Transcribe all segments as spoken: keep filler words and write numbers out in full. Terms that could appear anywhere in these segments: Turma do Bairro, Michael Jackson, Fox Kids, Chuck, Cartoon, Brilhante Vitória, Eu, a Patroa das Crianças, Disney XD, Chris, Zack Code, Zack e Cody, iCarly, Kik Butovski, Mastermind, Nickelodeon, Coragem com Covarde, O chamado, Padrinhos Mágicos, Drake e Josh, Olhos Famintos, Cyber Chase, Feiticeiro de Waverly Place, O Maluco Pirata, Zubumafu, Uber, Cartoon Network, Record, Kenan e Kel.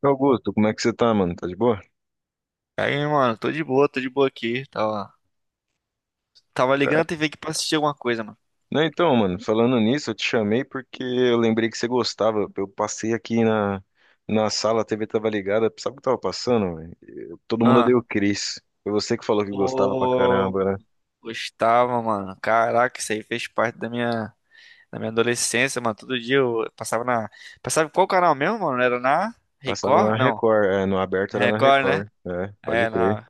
Augusto, como é que você tá, mano? Tá de boa? Aí, mano, tô de boa, tô de boa aqui. Tava, tava ligando Cara, a T V aqui pra assistir alguma coisa, mano. né, então, mano, falando nisso, eu te chamei porque eu lembrei que você gostava. Eu passei aqui na, na sala, a T V tava ligada. Sabe o que tava passando, velho? Eu- todo mundo Ah, odeia o Chris. Foi você que falou que gostava pra ô, caramba, né? gostava, mano. Caraca, isso aí fez parte da minha, da minha adolescência, mano. Todo dia eu passava na. Passava em qual canal mesmo, mano? Era na Passava Record? na Não, Record, é, no aberto na era na Record, né? Record, é, pode É, crer. na.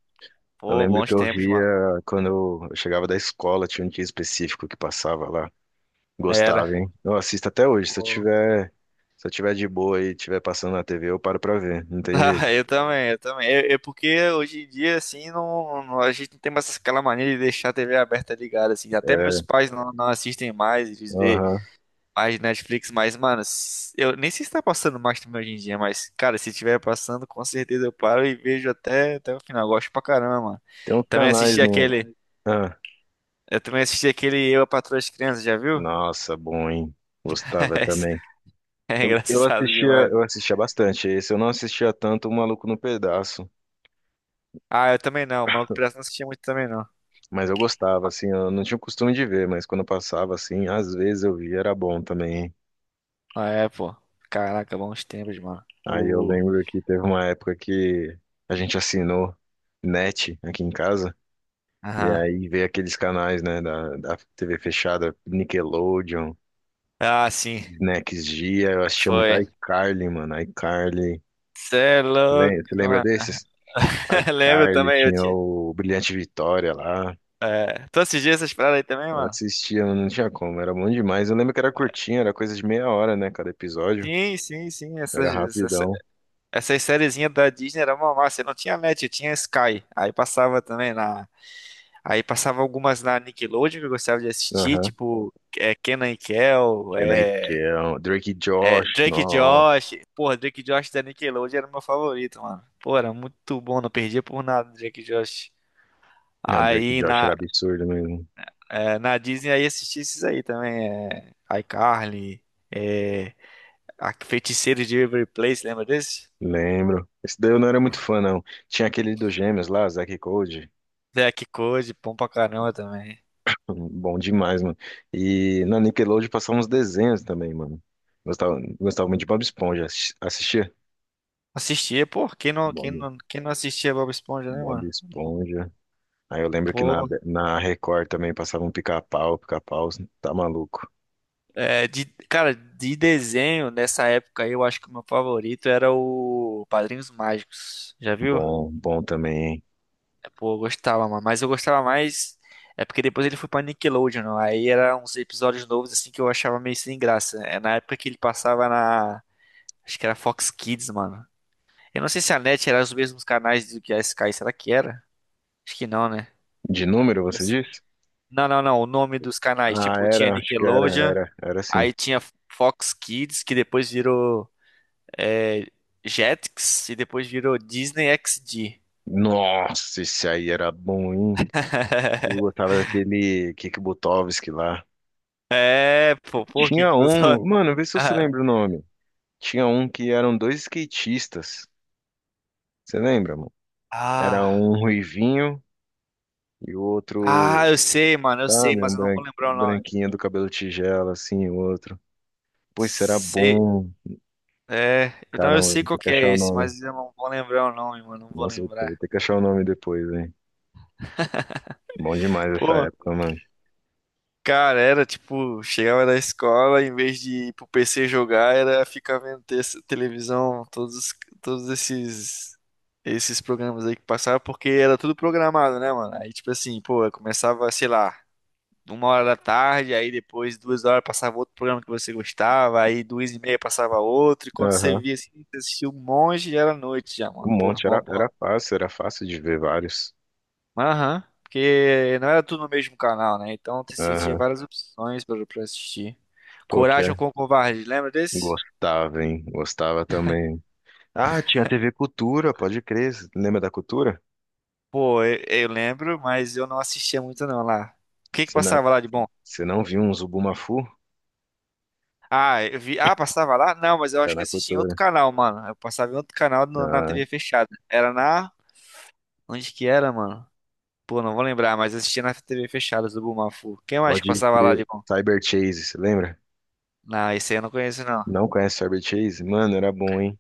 Eu Pô, lembro que bons eu tempos, via mano. quando eu eu chegava da escola, tinha um dia específico que passava lá. Era. Gostava, hein? Eu assisto até hoje, se eu Pô. tiver, se eu tiver de boa e tiver passando na T V, eu paro pra ver, não tem Ah, jeito. eu também, eu também. É é porque hoje em dia, assim, não, não- a gente não tem mais aquela mania de deixar a T V aberta ligada, assim. Até meus pais não, não assistem mais, eles vê Aham. mais de Netflix, mas, mano, s- eu nem sei se tá passando Mastermind hoje em dia, mas, cara, se tiver passando, com certeza eu paro e vejo até, até o final. Gosto pra caramba, mano. Tem uns Também canais assisti no. aquele. Ah, Eu também assisti aquele Eu, a Patroa das Crianças, já viu? nossa, bom, hein? Gostava Esse também. é Eu, eu engraçado assistia, demais. eu assistia bastante esse. Eu não assistia tanto o Maluco no Pedaço, Ah, eu também não. O Maluco Pirata não assistia muito também, não. mas eu gostava, assim, eu não tinha o costume de ver, mas quando eu passava, assim, às vezes eu via, era bom também. Hein? Ah, é, pô. Caraca, bons tempos, mano. Aí eu O. lembro que teve uma época que a gente assinou net aqui em casa, e Aham. aí veio aqueles canais, né, da, da T V fechada, Nickelodeon, Ah, sim. Next Gia, eu assistia muito Foi. iCarly, mano, iCarly. Cê é louco, Lem- Você lembra mano. desses? Lembro iCarly, também, eu tinha tinha. o Brilhante Vitória lá. É. Tu assistia essas paradas aí também, Eu mano? assistia, não tinha como, era bom demais. Eu lembro que era curtinho, era coisa de meia hora, né? Cada episódio. Sim, sim, sim. Era Essas, essa, rapidão. essas sériezinhas da Disney era uma massa. Não tinha Match, tinha Sky. Aí passava também na. Aí passava algumas na Nickelodeon que eu gostava de assistir, Aham. tipo é, Kenan e Kel, Kenan e é, Kel, Drake e é, Josh, Drake e nossa. Josh. Porra, Drake e Josh da Nickelodeon era o meu favorito, mano. Pô, era muito bom, não perdia por nada Drake e Josh. Não, Drake e Aí Josh na, era absurdo mesmo. é, na Disney aí assisti esses aí também. É, iCarly, é, a Feiticeiro de Waverly Place, lembra desse? Lembro. Esse daí eu não era muito fã, não. Tinha aquele dos gêmeos lá, Zack e Cody. Zack Code, bom pra caramba também. Hum, Bom demais, mano. E na Nickelodeon passavam uns desenhos também, mano. Gostava, gostava muito de Bob Esponja. Assis- Assistia? Assistia, pô, quem não, quem Bom. não, quem não assistia Bob Esponja, né, Bob mano? Esponja. Aí eu lembro que na, Pô, na Record também passava um pica-pau, pica-pau, tá maluco. é, de, cara, de desenho, nessa época aí, eu acho que o meu favorito era o Padrinhos Mágicos. Já viu? Bom, bom também, hein? É, pô, eu gostava, mano. Mas eu gostava mais. É porque depois ele foi pra Nickelodeon, né? Aí eram uns episódios novos, assim, que eu achava meio sem graça. É na época que ele passava na. Acho que era Fox Kids, mano. Eu não sei se a N E T era os mesmos canais do que a Sky, será que era? Acho que não, né? De número, você disse? Não, não, não. O nome dos canais, Ah, tipo, tinha era, acho que era, Nickelodeon, era, era sim. aí tinha Fox Kids, que depois virou é, Jetix, e depois virou Disney X D. Nossa, esse aí era bom, hein? Eu gostava daquele Kik Butovski lá. É, pô, por que Tinha que você... um, mano, vê se você lembra o nome. Tinha um que eram dois skatistas. Você lembra, mano? Era Ah, um ruivinho e o ah, outro, eu sei, mano, eu sei, sabe, um mas eu não bran- vou lembrar o nome. branquinho do cabelo tigela, assim, o outro. Pois será Sei, bom. é, não, eu Caramba, sei vou qual ter que que é achar o esse, nome. mas eu não vou lembrar o nome, mano, não vou Nossa, eu vou lembrar. ter que achar o nome depois, hein? Bom demais essa Pô, época, mano. cara, era tipo, chegava da escola, em vez de ir pro P C jogar, era ficar vendo te- televisão, todos, os- todos esses esses programas aí que passavam, porque era tudo programado, né, mano? Aí, tipo assim, pô, eu começava, sei lá, uma hora da tarde, aí depois duas horas passava outro programa que você gostava, aí duas e meia passava outro, e quando você Aham. via assim, você assistia um monte, já era noite já, mano. Um Porra, monte, mó era, bom. era fácil, era fácil de ver vários. Aham. Porque não era tudo no mesmo canal, né? Então você tinha Aham. várias opções pra, pra assistir. Pô, que Coragem é. com Covarde, lembra desse? Gostava, hein? Gostava também. Ah, tinha T V Cultura, pode crer. Cê lembra da Cultura? Pô, eu, eu lembro, mas eu não assistia muito não lá. O que que Você não, passava lá de bom? você não viu um Zubumafu? Ah, eu vi. Ah, passava lá? Não, mas eu Era acho que na assistia em outro Cultura. canal, mano. Eu passava em outro canal no- na Ah, T V fechada. Era na. Onde que era, mano? Pô, não vou lembrar, mas eu assistia na T V fechada do Bumafu. Quem mais que pode passava lá de crer. bom? Cyber Chase, você lembra? Não, esse aí eu não conheço, não. Não conhece Cyber Chase? Mano, era bom, hein?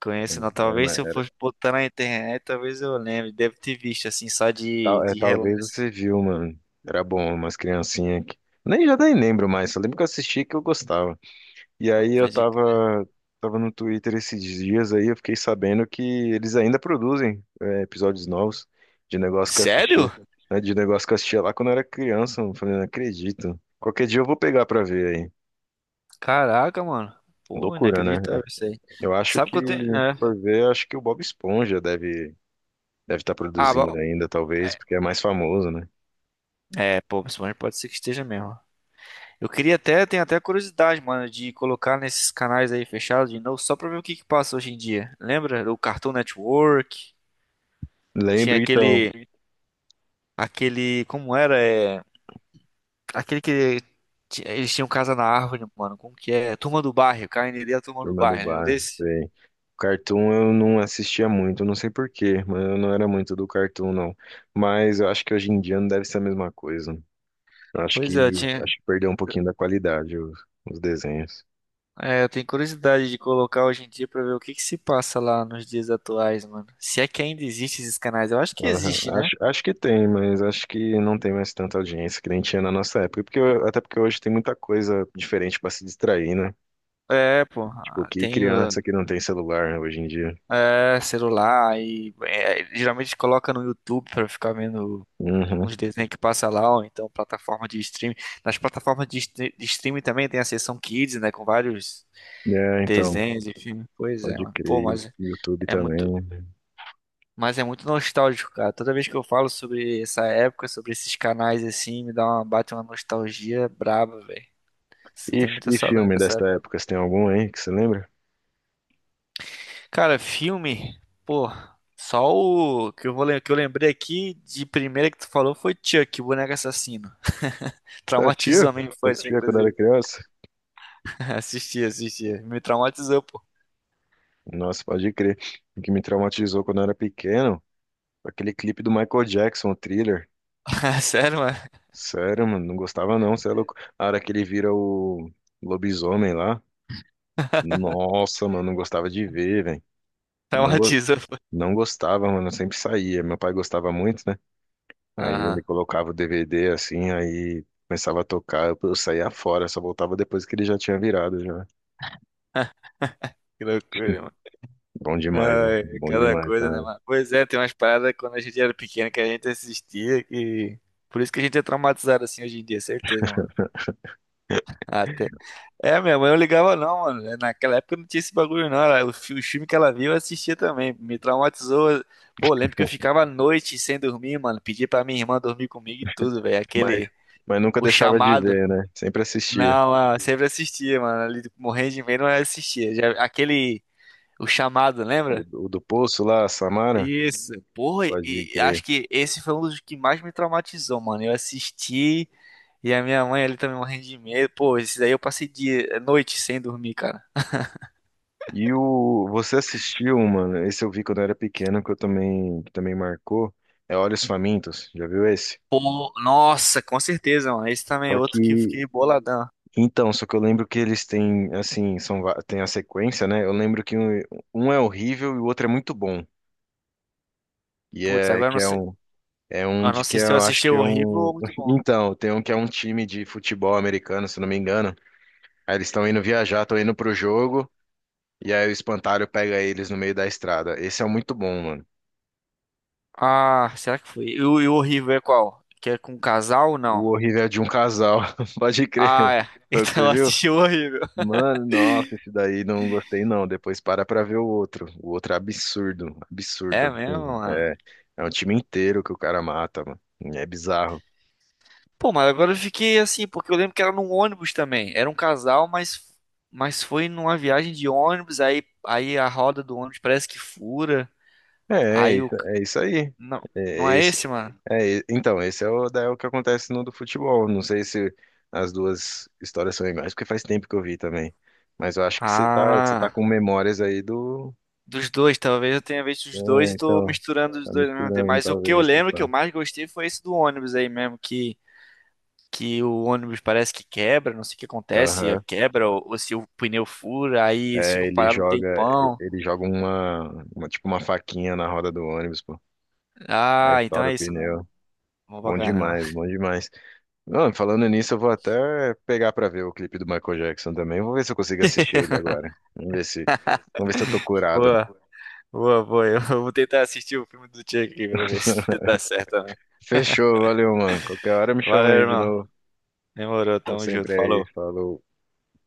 Conheço não. Era Talvez uma, se eu fosse botar na internet, talvez eu lembre. Deve ter visto assim, só de, tal, é, de talvez relance. você viu, mano. Era bom, umas criancinhas aqui. Nem já nem lembro mais, só lembro que eu assisti e que eu gostava. E Não, aí eu pode crer. tava, tava no Twitter esses dias aí, eu fiquei sabendo que eles ainda produzem é, episódios novos de negócio que eu Sério? assistia. Né, de negócio que eu assistia lá quando eu era criança. Eu falei, não acredito. Qualquer dia eu vou pegar pra ver aí. Caraca, mano. Pô, Loucura, né? inacreditável isso aí. Eu acho Sabe que, que eu tenho. É. se for ver, acho que o Bob Esponja deve deve estar Ah, produzindo bom. ainda, talvez, porque é mais famoso, né? É, pô, principalmente pode ser que esteja mesmo. Eu queria até, tenho até curiosidade, mano, de colocar nesses canais aí fechados de novo, só pra ver o que que passa hoje em dia. Lembra? O Cartoon Network, tinha Lembro, então. aquele, aquele, como era? É, aquele que ti- eles tinham casa na árvore, mano. Como que é? Turma do Bairro, K N D, a Turma do Turma do Bairro, lembra Bairro, desse? sei. Cartoon eu não assistia muito, eu não sei por quê, mas eu não era muito do Cartoon, não. Mas eu acho que hoje em dia não deve ser a mesma coisa. Eu acho Pois é, eu que tinha, acho que perdeu um pouquinho da qualidade os, os desenhos. é, eu tenho curiosidade de colocar hoje em dia pra ver o que que se passa lá nos dias atuais, mano. Se é que ainda existem esses canais, eu acho que Aham. existe, né? Acho, acho que tem, mas acho que não tem mais tanta audiência que nem tinha na nossa época. Porque, eu- até porque hoje tem muita coisa diferente para se distrair, né? É, pô, Tipo, ah, que tem o criança que não tem celular né, hoje em dia. é, celular e é, geralmente coloca no YouTube pra ficar vendo Uhum. uns desenhos que passa lá, ou então plataforma de streaming. Nas plataformas de, stre- de streaming também tem a seção Kids, né, com vários É, então, desenhos, e filmes. Pois é, pode mano. Pô, crer, e o mas YouTube é muito, também. mas é muito nostálgico, cara. Toda vez que eu falo sobre essa época, sobre esses canais assim, me dá uma bate uma nostalgia braba, velho. Você E, tem muita e saudade filme dessa dessa época. época, você tem algum, hein, que você lembra? Cara, filme, pô, só o que eu vou lem- que eu lembrei aqui de primeira que tu falou foi Chuck, o boneco assassino. Você assistia? Traumatizou a Você minha infância, assistia quando era inclusive. criança? Assistia, assistia. Me traumatizou, pô. Nossa, pode crer. O que me traumatizou quando eu era pequeno, aquele clipe do Michael Jackson, o Thriller. Sério, mano? Sério, mano, não gostava não, você é louco. A hora que ele vira o lobisomem lá, nossa, mano, não gostava de ver, velho. Não, go- Traumatizou, pô. não gostava, mano, eu sempre saía. Meu pai gostava muito, né? Aí Aham. ele colocava o D V D assim, aí começava a tocar, eu eu saía fora, só voltava depois que ele já tinha virado, já. Que loucura. Bom demais, né? Ai, Bom cada demais, coisa, né, né? mano? Pois é, tem umas paradas quando a gente era pequeno que a gente assistia que. Por isso que a gente é traumatizado assim hoje em dia, certeza, mano. Até... É, minha mãe não ligava não, mano. É, naquela época não tinha esse bagulho não. Ela... O fi- o filme que ela viu eu assistia também. Me traumatizou. Pô, lembro que eu ficava à noite sem dormir, mano. Pedia pra minha irmã dormir comigo e tudo, velho. Mas, Aquele... mas nunca O deixava de chamado. ver, né? Sempre assistia. Não, mano, sempre assistia, mano. Ali morrendo de medo, mas assistia. Já... Aquele... O chamado, O, lembra? do o do Poço lá, Samara, Isso. Porra, pode e acho crer. que esse foi um dos que mais me traumatizou, mano. Eu assisti e a minha mãe ali também morrendo de medo. Pô, esse daí eu passei dia, noite sem dormir, cara. E o você assistiu, mano? Esse eu vi quando eu era pequeno, que eu também que também marcou. É Olhos Famintos, já viu esse? Pô, nossa, com certeza, mano. Esse também é Só outro que eu que fiquei boladão. então, só que eu lembro que eles têm assim, são va- tem a sequência, né? Eu lembro que um, um é horrível e o outro é muito bom. E Putz, é agora eu que não é sei, um. É um eu não de que sei se eu eu acho assisti que o é horrível um. ou muito bom. Então, tem um que é um time de futebol americano, se não me engano. Aí eles estão indo viajar, estão indo pro jogo, e aí o espantalho pega eles no meio da estrada. Esse é muito bom, mano. Ah, será que foi? E o, e o horrível é qual? Que é com casal ou não? O horrível é de um casal, pode Ah, crer. é. Foi o que Então você eu viu? assisti o horrível. Mano, nossa, esse daí não gostei não. Depois para pra ver o outro. O outro é absurdo, absurdo, É mesmo, absurdo. mano. É, é um time inteiro que o cara mata, mano. É bizarro. Pô, mas agora eu fiquei assim, porque eu lembro que era num ônibus também. Era um casal, mas, mas foi numa viagem de ônibus, aí, aí a roda do ônibus parece que fura. É, é Aí o. isso, é isso aí. Não, não É, é esse, mano? É, e- então, esse é o, daí é o que acontece no do futebol. Não sei se as duas histórias são iguais, porque faz tempo que eu vi também. Mas eu acho que você tá, você tá Ah, com memórias aí do. dos dois, talvez eu tenha visto os dois É, e tô então, misturando os tá dois ao mesmo tempo. misturando Mas o que eu talvez, lembro tipo. que eu mais gostei foi esse do ônibus aí mesmo, que, que o ônibus parece que quebra, não sei o que acontece, é Aham. quebra, ou, ou se o pneu fura, aí eles É, ficam ele parados um joga, tempão. ele joga uma, uma, tipo uma faquinha na roda do ônibus, pô. Aí Ah, então estoura o é isso, mano. pneu. Bom pra Bom caramba. demais, bom demais. Não, falando nisso, eu vou até pegar pra ver o clipe do Michael Jackson também. Vou ver se eu consigo assistir ele agora. Vamos ver se, vamos ver se eu tô Pô. curado. Boa, boa. Eu vou tentar assistir o filme do Chuck aqui pra ver se dá certo também. Fechou, valeu, mano. Qualquer hora me chama Valeu, aí de irmão. novo. Demorou, Tô tamo junto. sempre aí. Falou. Falou.